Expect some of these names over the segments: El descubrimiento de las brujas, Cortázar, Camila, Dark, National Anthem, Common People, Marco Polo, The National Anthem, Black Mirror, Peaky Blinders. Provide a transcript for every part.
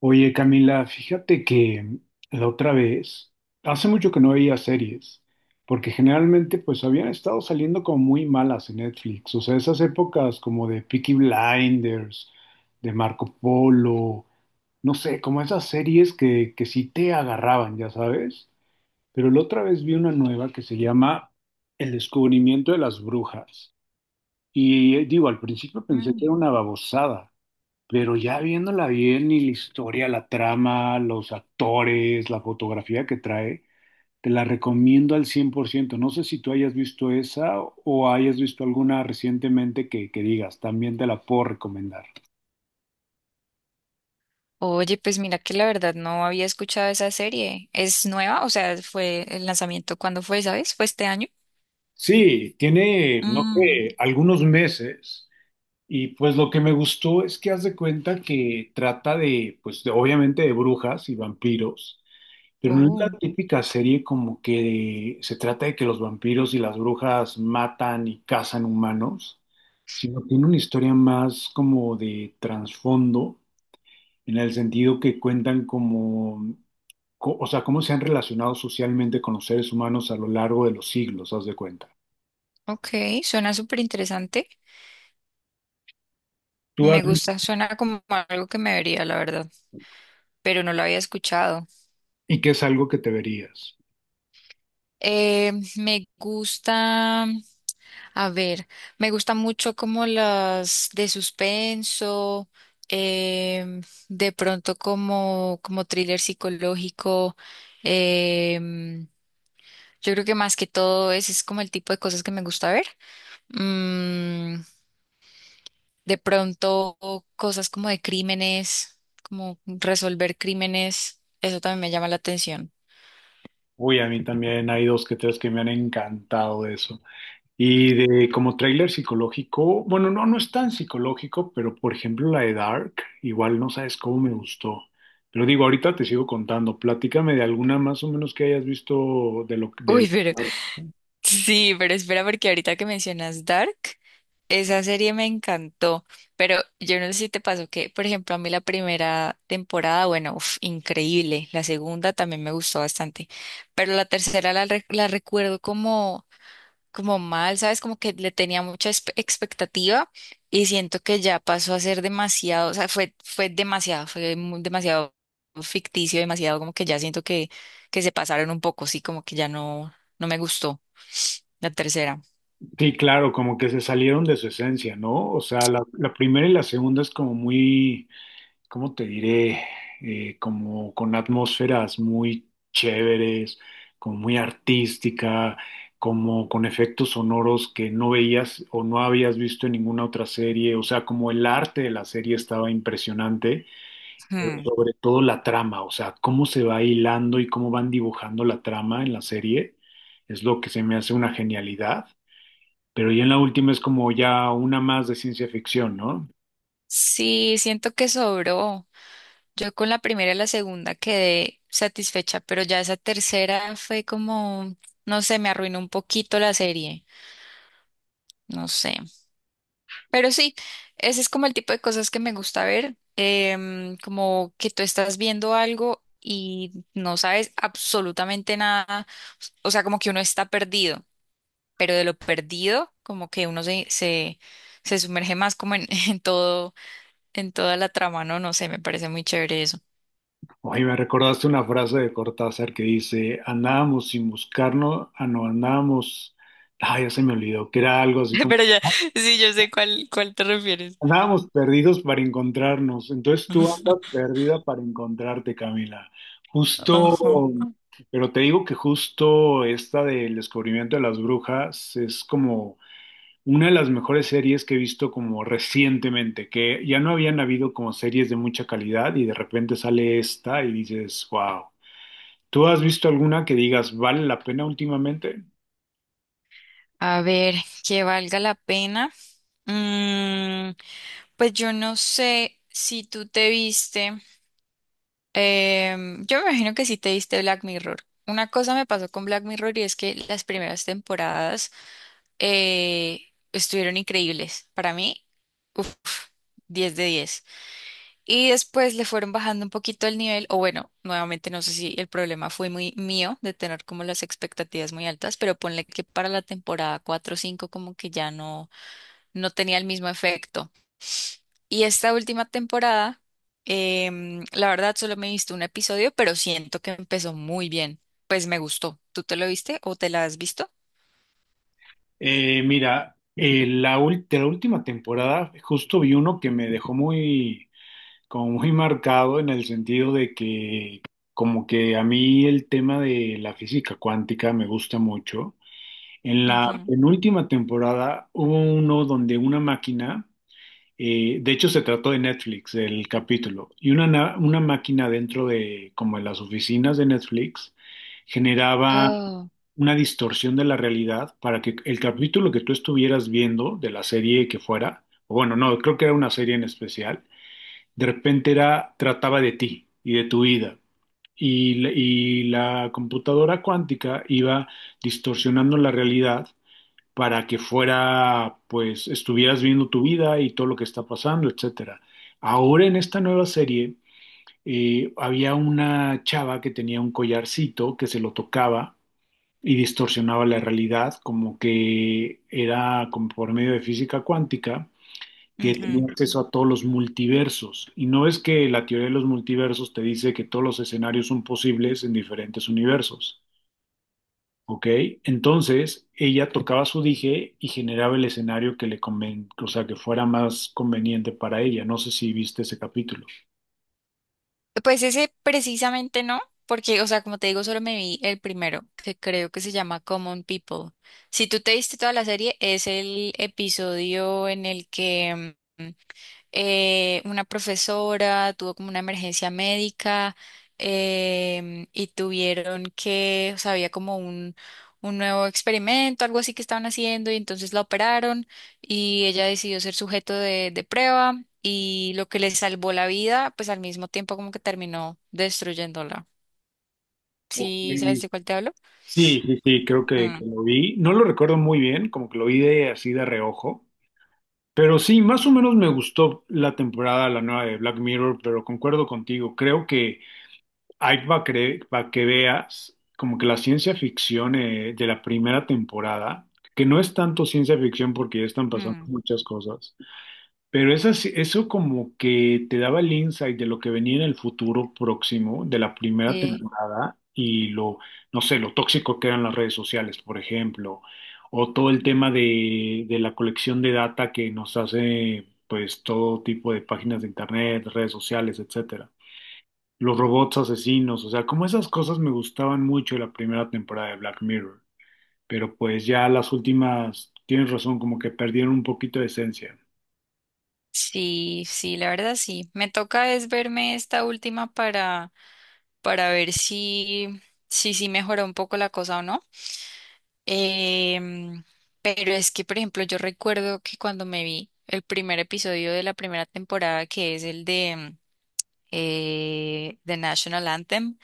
Oye, Camila, fíjate que la otra vez, hace mucho que no veía series, porque generalmente pues habían estado saliendo como muy malas en Netflix, o sea, esas épocas como de Peaky Blinders, de Marco Polo, no sé, como esas series que sí te agarraban, ya sabes, pero la otra vez vi una nueva que se llama El descubrimiento de las brujas, y digo, al principio pensé que era Mm. una babosada. Pero ya viéndola bien y la historia, la trama, los actores, la fotografía que trae, te la recomiendo al 100%. No sé si tú hayas visto esa o hayas visto alguna recientemente que digas, también te la puedo recomendar. Oye, pues mira que la verdad no había escuchado esa serie. ¿Es nueva? O sea, fue el lanzamiento. ¿Cuándo fue, ¿sabes? ¿Fue este año? Sí, tiene, no Mm, sé, algunos meses y pues lo que me gustó es que haz de cuenta que trata de, pues obviamente de brujas y vampiros. Pero no es la uh, típica serie como que se trata de que los vampiros y las brujas matan y cazan humanos, sino tiene una historia más como de trasfondo, en el sentido que cuentan como, o sea, cómo se han relacionado socialmente con los seres humanos a lo largo de los siglos, haz de cuenta. ok, suena súper interesante. Tú has- Me gusta, suena como algo que me vería, la verdad, pero no lo había escuchado. y que es algo que te verías. Me gusta, a ver, me gusta mucho como las de suspenso, em, de pronto como, como thriller psicológico. em, yo creo que más que todo ese es como el tipo de cosas que me gusta ver. Mm, de pronto cosas como de crímenes, como resolver crímenes, eso también me llama la atención. Uy, a mí también hay dos que tres que me han encantado de eso. Y de como tráiler psicológico, bueno, no es tan psicológico, pero por ejemplo la de Dark, igual no sabes cómo me gustó. Pero digo, ahorita te sigo contando, platícame de alguna más o menos que hayas visto de lo de Uy, pero sí, pero espera porque ahorita que mencionas Dark. Esa serie me encantó, pero yo no sé si te pasó que, por ejemplo, a mí la primera temporada, bueno, uf, increíble, la segunda también me gustó bastante, pero la tercera la, la recuerdo como, como mal, ¿sabes? Como que le tenía mucha expectativa y siento que ya pasó a ser demasiado, o sea, fue demasiado, fue demasiado ficticio, demasiado como que ya siento que se pasaron un poco, sí, como que ya no, no me gustó la tercera. Sí, claro, como que se salieron de su esencia, ¿no? O sea, la primera y la segunda es como muy, ¿cómo te diré? Como con atmósferas muy chéveres, como muy artística, como con efectos sonoros que no veías o no habías visto en ninguna otra serie, o sea, como el arte de la serie estaba impresionante, pero Hmm. sobre todo la trama, o sea, cómo se va hilando y cómo van dibujando la trama en la serie, es lo que se me hace una genialidad. Pero ya en la última es como ya una más de ciencia ficción, ¿no? Sí, siento que sobró. Yo con la primera y la segunda quedé satisfecha, pero ya esa tercera fue como, no sé, me arruinó un poquito la serie, no sé. Pero sí, ese es como el tipo de cosas que me gusta ver, como que tú estás viendo algo y no sabes absolutamente nada, o sea, como que uno está perdido, pero de lo perdido, como que uno se sumerge más como en, en todo, en toda la trama, no, no sé, me parece muy chévere eso. Oye, me recordaste una frase de Cortázar que dice, andábamos sin buscarnos, ah, no, andábamos, ah, ya se me olvidó, que era algo así como, Pero ya, sí, yo sé cuál te refieres. andábamos perdidos para encontrarnos. Entonces tú andas perdida para encontrarte, Camila. Justo, Ajá. pero te digo que justo esta del descubrimiento de las brujas es como una de las mejores series que he visto como recientemente, que ya no habían habido como series de mucha calidad y de repente sale esta y dices, wow. ¿Tú has visto alguna que digas vale la pena últimamente? A ver, que valga la pena. Mm, pues yo no sé si tú te viste. Yo me imagino que sí te viste Black Mirror. Una cosa me pasó con Black Mirror y es que las primeras temporadas estuvieron increíbles. Para mí, uff, 10 de diez. Y después le fueron bajando un poquito el nivel, o bueno, nuevamente no sé si el problema fue muy mío de tener como las expectativas muy altas, pero ponle que para la temporada 4 o 5 como que ya no, no tenía el mismo efecto. Y esta última temporada, la verdad solo me he visto un episodio, pero siento que empezó muy bien. Pues me gustó. ¿Tú te lo viste o te la has visto? Mira, de la última temporada justo vi uno que me dejó muy, como muy marcado, en el sentido de que como que a mí el tema de la física cuántica me gusta mucho. En la Ujú. penúltima temporada hubo uno donde una máquina, de hecho se trató de Netflix, el capítulo, y una máquina dentro de como en las oficinas de Netflix generaba Oh. una distorsión de la realidad para que el capítulo que tú estuvieras viendo de la serie que fuera, o bueno, no, creo que era una serie en especial, de repente era, trataba de ti y de tu vida. Y la computadora cuántica iba distorsionando la realidad para que fuera, pues, estuvieras viendo tu vida y todo lo que está pasando, etcétera. Ahora en esta nueva serie había una chava que tenía un collarcito que se lo tocaba y distorsionaba la realidad, como que era como por medio de física cuántica que tenía Ujú. acceso a todos los multiversos. Y no es que la teoría de los multiversos te dice que todos los escenarios son posibles en diferentes universos, ¿ok? Entonces, ella tocaba su dije y generaba el escenario que o sea, que fuera más conveniente para ella. No sé si viste ese capítulo. Pues ese precisamente no, porque, o sea, como te digo, solo me vi el primero, que creo que se llama Common People. Si tú te viste toda la serie, es el episodio en el que una profesora tuvo como una emergencia médica. Y tuvieron que, o sea, había como un nuevo experimento, algo así que estaban haciendo y entonces la operaron y ella decidió ser sujeto de prueba y lo que le salvó la vida, pues al mismo tiempo como que terminó destruyéndola. Ok. ¿Sí sabes de cuál te hablo? Sí, creo que Mm, lo vi. No lo recuerdo muy bien, como que lo vi de así de reojo. Pero sí, más o menos me gustó la temporada, la nueva de Black Mirror, pero concuerdo contigo, creo que hay, para que veas como que la ciencia ficción, de la primera temporada, que no es tanto ciencia ficción porque ya están pasando mm, muchas cosas, pero eso como que te daba el insight de lo que venía en el futuro próximo de la primera sí. temporada y lo, no sé, lo tóxico que eran las redes sociales, por ejemplo, o todo el tema de la colección de data que nos hace pues todo tipo de páginas de internet, redes sociales, etcétera. Los robots asesinos, o sea, como esas cosas me gustaban mucho de la primera temporada de Black Mirror, pero pues ya las últimas, tienes razón, como que perdieron un poquito de esencia. Sí, sí, la verdad sí. Me toca es verme esta última para ver si, si, sí mejoró un poco la cosa o no. Em, pero es que, por ejemplo, yo recuerdo que cuando me vi el primer episodio de la primera temporada, que es el de The National Anthem,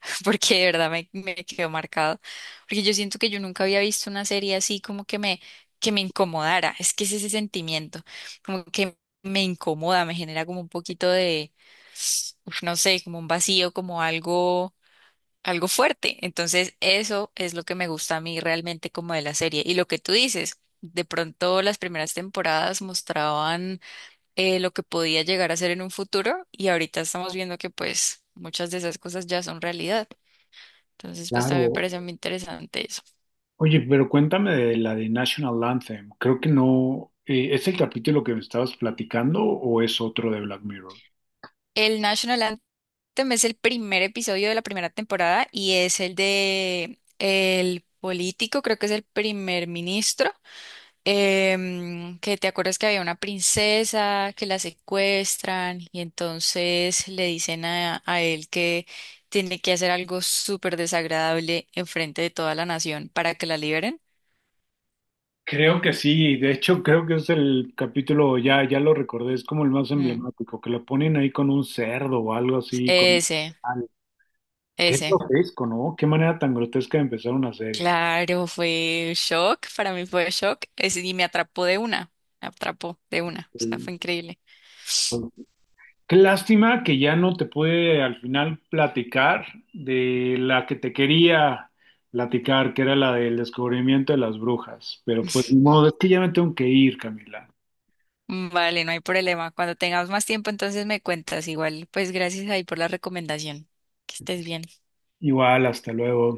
porque de verdad me, me quedó marcado, porque yo siento que yo nunca había visto una serie así como que me incomodara, es que es ese sentimiento, como que me incomoda, me genera como un poquito de, uf, no sé, como un vacío, como algo algo fuerte. Entonces, eso es lo que me gusta a mí realmente como de la serie. Y lo que tú dices, de pronto las primeras temporadas mostraban lo que podía llegar a ser en un futuro y ahorita estamos viendo que pues muchas de esas cosas ya son realidad. Entonces, pues también me Claro. parece muy interesante eso. Oye, pero cuéntame de la de National Anthem. Creo que no. ¿Es el capítulo que me estabas platicando o es otro de Black Mirror? El National Anthem es el primer episodio de la primera temporada y es el de el político, creo que es el primer ministro. Que te acuerdas que había una princesa que la secuestran y entonces le dicen a él que tiene que hacer algo súper desagradable enfrente de toda la nación para que la liberen. Creo que sí. De hecho, creo que es el capítulo, ya lo recordé, es como el más Mm, emblemático, que lo ponen ahí con un cerdo o algo así. Un ese, animal. Qué ese. grotesco, ¿no? Qué manera tan grotesca de empezar una serie. Claro, fue shock, para mí fue shock, ese, y me atrapó de una, me atrapó de una, o sea, fue increíble. Sí. Qué lástima que ya no te pude al final platicar de la que te quería platicar, que era la del descubrimiento de las brujas. Pero pues ni modo, es que ya me tengo que ir, Camila. Mm, vale, no hay problema. Cuando tengamos más tiempo, entonces me cuentas. Igual, pues gracias ahí por la recomendación. Que estés bien. Igual, hasta luego.